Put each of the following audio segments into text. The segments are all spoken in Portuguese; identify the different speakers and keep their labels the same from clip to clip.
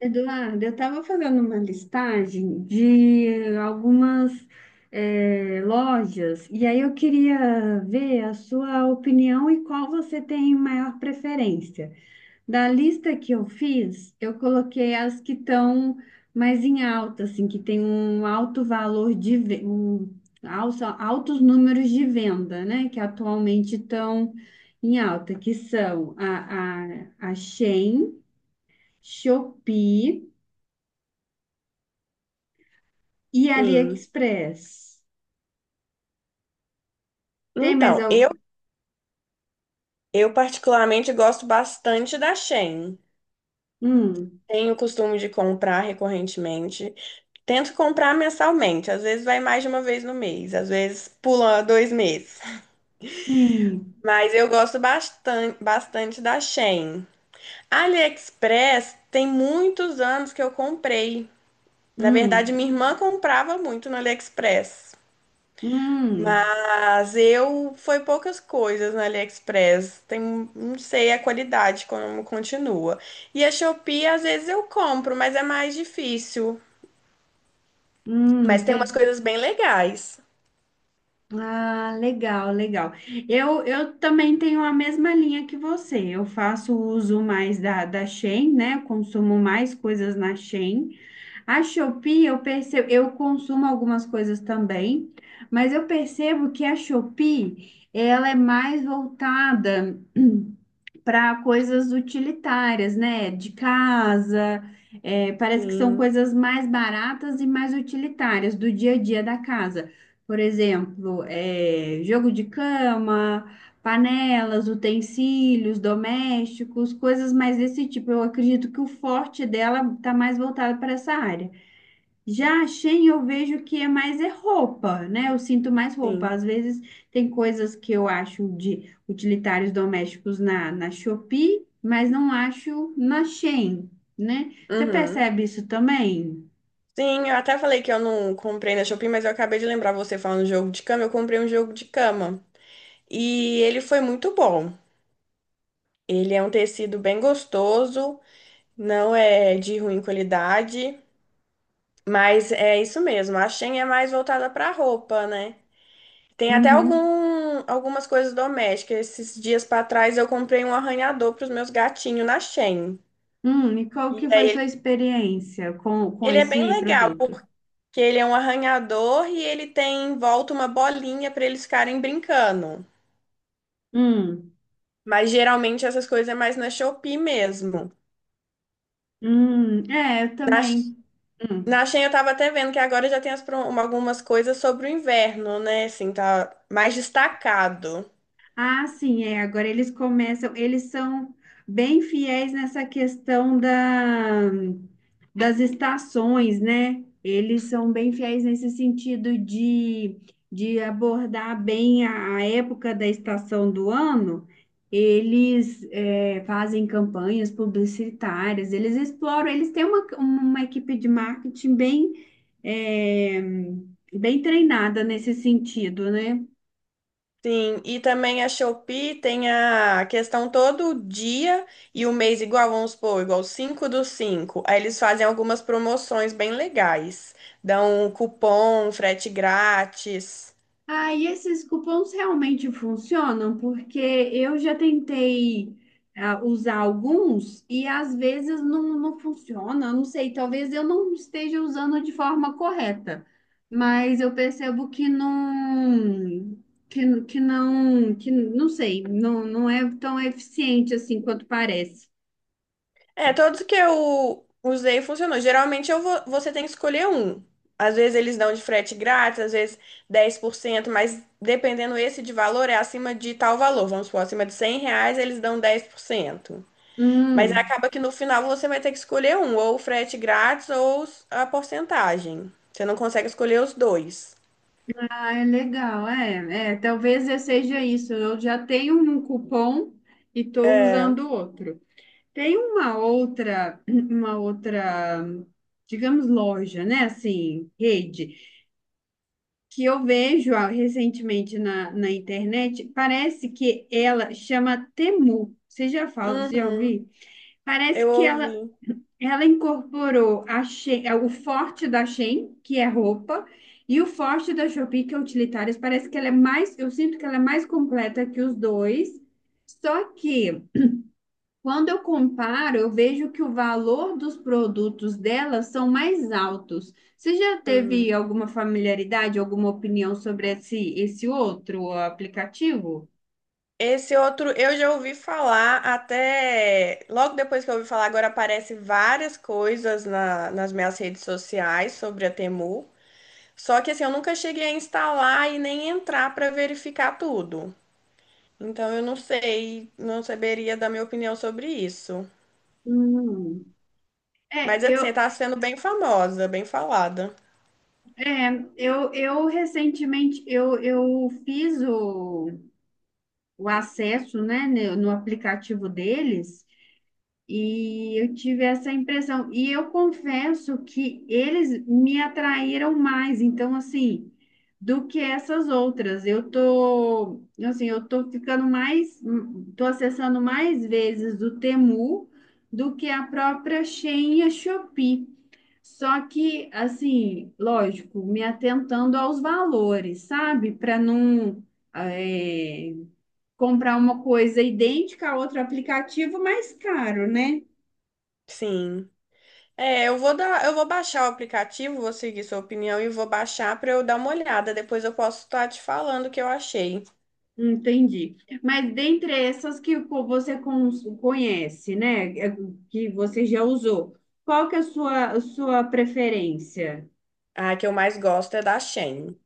Speaker 1: Eduardo, eu estava fazendo uma listagem de algumas lojas e aí eu queria ver a sua opinião e qual você tem maior preferência. Da lista que eu fiz, eu coloquei as que estão mais em alta, assim, que tem um alto valor de ve- um, alça- altos números de venda, né? Que atualmente estão em alta, que são a Shein, Shopee. E
Speaker 2: Sim.
Speaker 1: AliExpress? Tem mais
Speaker 2: Então, eu,
Speaker 1: algum?
Speaker 2: eu particularmente gosto bastante da Shein.
Speaker 1: Hum,
Speaker 2: Tenho o costume de comprar recorrentemente. Tento comprar mensalmente, às vezes vai mais de uma vez no mês, às vezes pula dois meses.
Speaker 1: sim.
Speaker 2: Mas eu gosto bastante, bastante da Shein. AliExpress tem muitos anos que eu comprei. Na verdade,
Speaker 1: Hum,
Speaker 2: minha irmã comprava muito no AliExpress.
Speaker 1: hum,
Speaker 2: Mas eu foi poucas coisas no AliExpress. Tem, não sei a qualidade como continua. E a Shopee às vezes eu compro, mas é mais difícil. Mas tem
Speaker 1: tem.
Speaker 2: umas coisas bem legais.
Speaker 1: Ah, legal, legal. Eu também tenho a mesma linha que você. Eu faço uso mais da Shein, né? Consumo mais coisas na Shein. A Shopee, eu percebo, eu consumo algumas coisas também, mas eu percebo que a Shopee, ela é mais voltada para coisas utilitárias, né? De casa, é, parece que são
Speaker 2: Sim,
Speaker 1: coisas mais baratas e mais utilitárias do dia a dia da casa. Por exemplo, é, jogo de cama, panelas, utensílios domésticos, coisas mais desse tipo. Eu acredito que o forte dela está mais voltado para essa área. Já a Shein eu vejo que é mais é roupa, né? Eu sinto mais roupa.
Speaker 2: sim.
Speaker 1: Às vezes tem coisas que eu acho de utilitários domésticos na Shopee, mas não acho na Shein, né? Você
Speaker 2: Uhum.
Speaker 1: percebe isso também?
Speaker 2: Sim, eu até falei que eu não comprei na Shopee, mas eu acabei de lembrar você falando jogo de cama. Eu comprei um jogo de cama e ele foi muito bom. Ele é um tecido bem gostoso, não é de ruim qualidade. Mas é isso mesmo, a Shein é mais voltada para roupa, né? Tem até
Speaker 1: Uhum.
Speaker 2: algumas coisas domésticas. Esses dias para trás eu comprei um arranhador para os meus gatinhos na Shein.
Speaker 1: E qual
Speaker 2: E
Speaker 1: que foi sua experiência com
Speaker 2: ele é bem
Speaker 1: esse
Speaker 2: legal, porque
Speaker 1: produto?
Speaker 2: ele é um arranhador e ele tem em volta uma bolinha para eles ficarem brincando.
Speaker 1: Hum,
Speaker 2: Mas geralmente essas coisas é mais na Shopee mesmo.
Speaker 1: é, eu
Speaker 2: Na,
Speaker 1: também. Hum.
Speaker 2: na Shein eu tava até vendo que agora já tem as algumas coisas sobre o inverno, né? Assim, tá mais destacado.
Speaker 1: Ah, sim, é. Agora eles começam, eles são bem fiéis nessa questão das estações, né? Eles são bem fiéis nesse sentido de abordar bem a época da estação do ano. Eles é, fazem campanhas publicitárias, eles exploram, eles têm uma equipe de marketing bem, é, bem treinada nesse sentido, né?
Speaker 2: Sim, e também a Shopee tem a questão todo dia e o mês igual, vamos supor, igual 5 do cinco. Aí eles fazem algumas promoções bem legais. Dão um cupom, frete grátis.
Speaker 1: Ah, e esses cupons realmente funcionam? Porque eu já tentei usar alguns e às vezes não, não funciona. Eu não sei, talvez eu não esteja usando de forma correta, mas eu percebo que não, que não, que não sei, não, não é tão eficiente assim quanto parece.
Speaker 2: É, todos que eu usei funcionou. Geralmente você tem que escolher um. Às vezes eles dão de frete grátis, às vezes 10%. Mas dependendo esse de valor, é acima de tal valor. Vamos supor, acima de R$ 100 eles dão 10%. Mas
Speaker 1: Hum,
Speaker 2: acaba que no final você vai ter que escolher um, ou o frete grátis ou a porcentagem. Você não consegue escolher os dois.
Speaker 1: ah, é legal, é, é, talvez eu seja isso. Eu já tenho um cupom e estou
Speaker 2: É.
Speaker 1: usando outro. Tem uma outra, digamos, loja, né? Assim, rede, que eu vejo recentemente na internet, parece que ela chama Temu. Você já fala, você já
Speaker 2: Uhum.
Speaker 1: ouviu? Parece
Speaker 2: Eu
Speaker 1: que
Speaker 2: ouvi.
Speaker 1: ela incorporou a é, o forte da Shein, que é roupa, e o forte da Shopee, que é utilitários. Parece que ela é mais, eu sinto que ela é mais completa que os dois. Só que quando eu comparo, eu vejo que o valor dos produtos delas são mais altos. Você já
Speaker 2: Hum.
Speaker 1: teve alguma familiaridade, alguma opinião sobre esse outro aplicativo?
Speaker 2: Esse outro eu já ouvi falar até. Logo depois que eu ouvi falar, agora aparece várias coisas nas minhas redes sociais sobre a Temu. Só que assim, eu nunca cheguei a instalar e nem entrar para verificar tudo. Então eu não sei, não saberia dar minha opinião sobre isso.
Speaker 1: Hum. É,
Speaker 2: Mas
Speaker 1: eu,
Speaker 2: assim, tá sendo bem famosa, bem falada.
Speaker 1: é, eu recentemente eu fiz o acesso, né, no aplicativo deles. E eu tive essa impressão. E eu confesso que eles me atraíram mais, então, assim, do que essas outras. Eu tô, assim, eu tô ficando mais, tô acessando mais vezes o Temu do que a própria Shein e a Shopee. Só que, assim, lógico, me atentando aos valores, sabe? Para não, eh, comprar uma coisa idêntica a outro aplicativo mais caro, né?
Speaker 2: Sim. É, eu vou baixar o aplicativo, vou seguir sua opinião e vou baixar pra eu dar uma olhada. Depois eu posso estar te falando o que eu achei.
Speaker 1: Entendi. Mas dentre essas que conhece, né, é, que você já usou, qual que é a sua preferência?
Speaker 2: A que eu mais gosto é da Shein.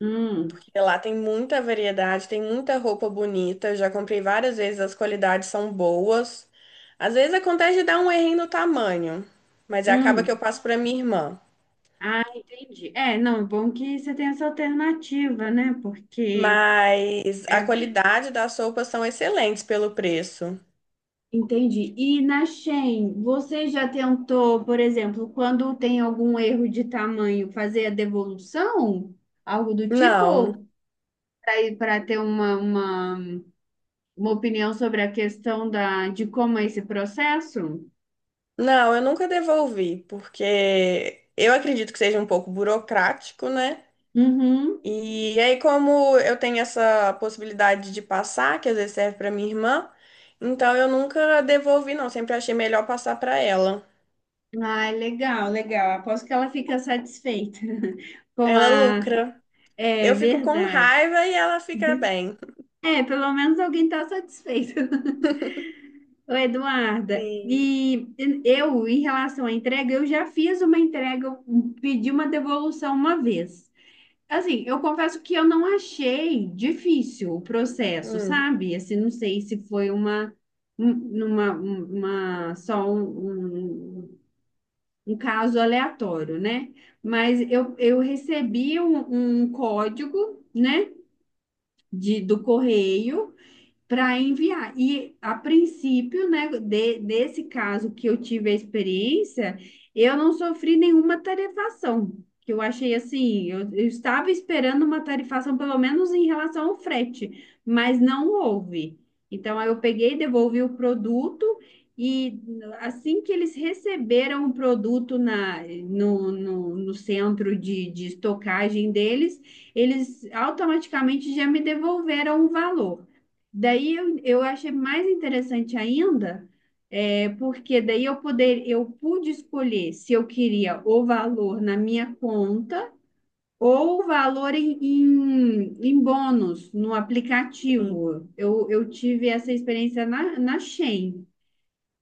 Speaker 1: Hum,
Speaker 2: E lá tem muita variedade, tem muita roupa bonita. Eu já comprei várias vezes, as qualidades são boas. Às vezes acontece de dar um errinho no tamanho, mas é, acaba que eu
Speaker 1: hum.
Speaker 2: passo pra minha irmã.
Speaker 1: Ah, entendi. É, não, bom que você tem essa alternativa, né? Porque
Speaker 2: Mas a
Speaker 1: é,
Speaker 2: qualidade das roupas são excelentes pelo preço.
Speaker 1: entendi. E na Shein, você já tentou, por exemplo, quando tem algum erro de tamanho, fazer a devolução? Algo do
Speaker 2: Não.
Speaker 1: tipo? Para ter uma opinião sobre a questão de como é esse processo?
Speaker 2: Não, eu nunca devolvi, porque eu acredito que seja um pouco burocrático, né?
Speaker 1: Uhum.
Speaker 2: E aí, como eu tenho essa possibilidade de passar, que às vezes serve para minha irmã, então eu nunca devolvi, não. Sempre achei melhor passar para ela.
Speaker 1: Ai, legal, legal. Aposto que ela fica satisfeita com
Speaker 2: Ela
Speaker 1: a.
Speaker 2: lucra.
Speaker 1: É
Speaker 2: Eu fico com
Speaker 1: verdade.
Speaker 2: raiva e ela fica bem.
Speaker 1: É, pelo menos alguém está satisfeito. Ô, Eduarda,
Speaker 2: Sim.
Speaker 1: e eu, em relação à entrega, eu já fiz uma entrega, eu pedi uma devolução uma vez. Assim, eu confesso que eu não achei difícil o processo,
Speaker 2: Hum,
Speaker 1: sabe? Assim, não sei se foi uma, um- uma só um, um, um caso aleatório, né? Mas eu recebi um código, né, de, do correio para enviar. E a princípio, né, desse caso que eu tive a experiência, eu não sofri nenhuma tarifação. Que eu achei assim, eu estava esperando uma tarifação, pelo menos em relação ao frete, mas não houve. Então, aí eu peguei, devolvi o produto e assim que eles receberam o produto na, no, no, no centro de estocagem deles, eles automaticamente já me devolveram o valor. Daí eu achei mais interessante ainda, é, porque daí eu pude escolher se eu queria o valor na minha conta ou o valor em bônus no
Speaker 2: sim.
Speaker 1: aplicativo. Eu tive essa experiência na Shein.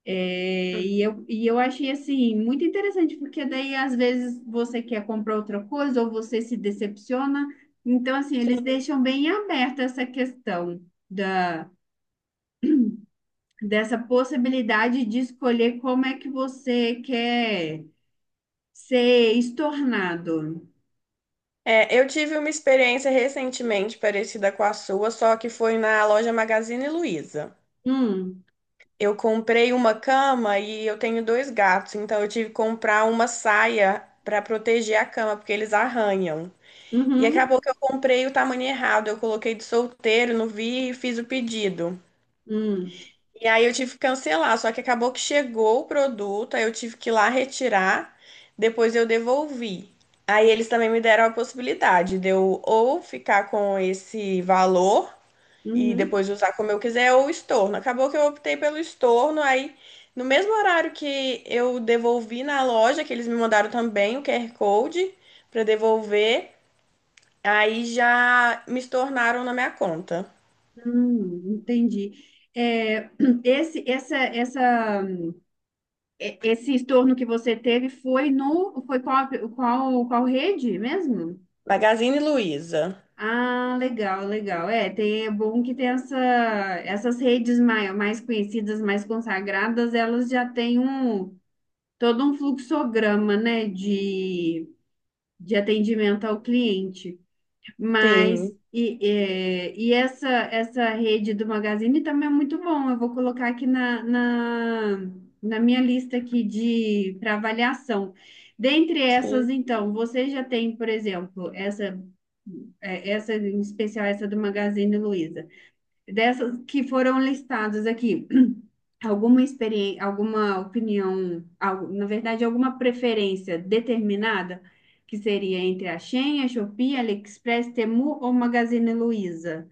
Speaker 2: Hum.
Speaker 1: E eu achei assim muito interessante, porque daí às vezes você quer comprar outra coisa ou você se decepciona. Então, assim, eles deixam bem aberta essa questão da dessa possibilidade de escolher como é que você quer ser estornado.
Speaker 2: É, eu tive uma experiência recentemente parecida com a sua, só que foi na loja Magazine Luiza.
Speaker 1: Hum,
Speaker 2: Eu comprei uma cama e eu tenho dois gatos, então eu tive que comprar uma saia para proteger a cama, porque eles arranham. E
Speaker 1: uhum,
Speaker 2: acabou que eu comprei o tamanho errado, eu coloquei de solteiro, não vi e fiz o pedido.
Speaker 1: hum,
Speaker 2: E aí eu tive que cancelar, só que acabou que chegou o produto, aí eu tive que ir lá retirar, depois eu devolvi. Aí eles também me deram a possibilidade de eu ou ficar com esse valor e
Speaker 1: uhum,
Speaker 2: depois usar como eu quiser, ou estorno. Acabou que eu optei pelo estorno, aí no mesmo horário que eu devolvi na loja, que eles me mandaram também o QR Code para devolver, aí já me estornaram na minha conta.
Speaker 1: entendi. É, esse, essa, e- esse estorno que você teve foi no, foi qual, qual, qual rede mesmo?
Speaker 2: Magazine Luiza.
Speaker 1: Ah, legal, legal. É, tem, é bom que tem essas redes mais, mais conhecidas, mais consagradas, elas já têm um, todo um fluxograma, né, de atendimento ao cliente. Mas
Speaker 2: Sim,
Speaker 1: e, é, e essa rede do Magazine também é muito bom. Eu vou colocar aqui na minha lista aqui de para avaliação. Dentre essas,
Speaker 2: sim.
Speaker 1: então, você já tem, por exemplo, essa em especial essa do Magazine Luiza. Dessas que foram listadas aqui, alguma experiência, alguma opinião, na verdade, alguma preferência determinada, que seria entre a Shein, a Shopee, AliExpress, Temu ou Magazine Luiza?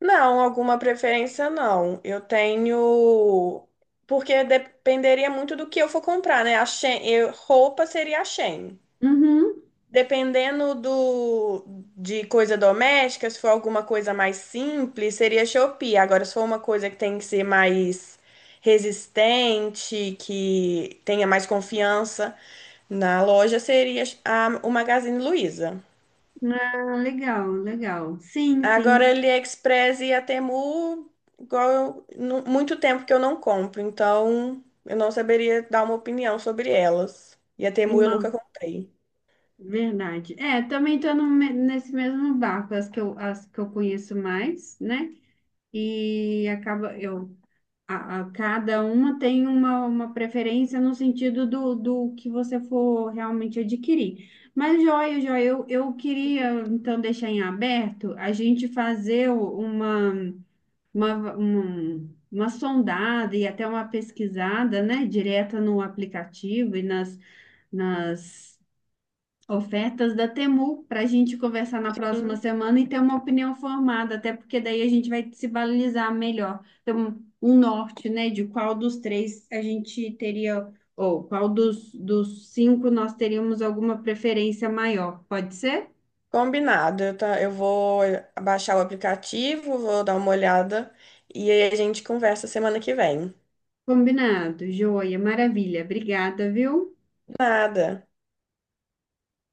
Speaker 2: Não, alguma preferência não. Eu tenho. Porque dependeria muito do que eu for comprar, né? Roupa seria a Shein.
Speaker 1: Uhum.
Speaker 2: Dependendo de coisa doméstica, se for alguma coisa mais simples, seria Shopee. Agora, se for uma coisa que tem que ser mais resistente, que tenha mais confiança na loja, seria o Magazine Luiza.
Speaker 1: Ah, legal, legal. Sim,
Speaker 2: Agora,
Speaker 1: sim.
Speaker 2: AliExpress e a Temu, igual eu, muito tempo que eu não compro, então eu não saberia dar uma opinião sobre elas. E a Temu eu nunca
Speaker 1: Não,
Speaker 2: comprei.
Speaker 1: verdade. É, também estou nesse mesmo barco, as que eu conheço mais, né? E acaba eu cada uma tem uma preferência no sentido do que você for realmente adquirir. Mas, joia, joia, eu queria então deixar em aberto a gente fazer uma sondada e até uma pesquisada, né, direta no aplicativo nas Ofertas da Temu para a gente conversar na próxima semana e ter uma opinião formada, até porque daí a gente vai se balizar melhor, ter um norte, né, de qual dos três a gente teria, ou qual dos cinco nós teríamos alguma preferência maior. Pode ser?
Speaker 2: Combinado, eu vou baixar o aplicativo, vou dar uma olhada e aí a gente conversa semana que vem.
Speaker 1: Combinado, joia, maravilha. Obrigada, viu?
Speaker 2: Nada.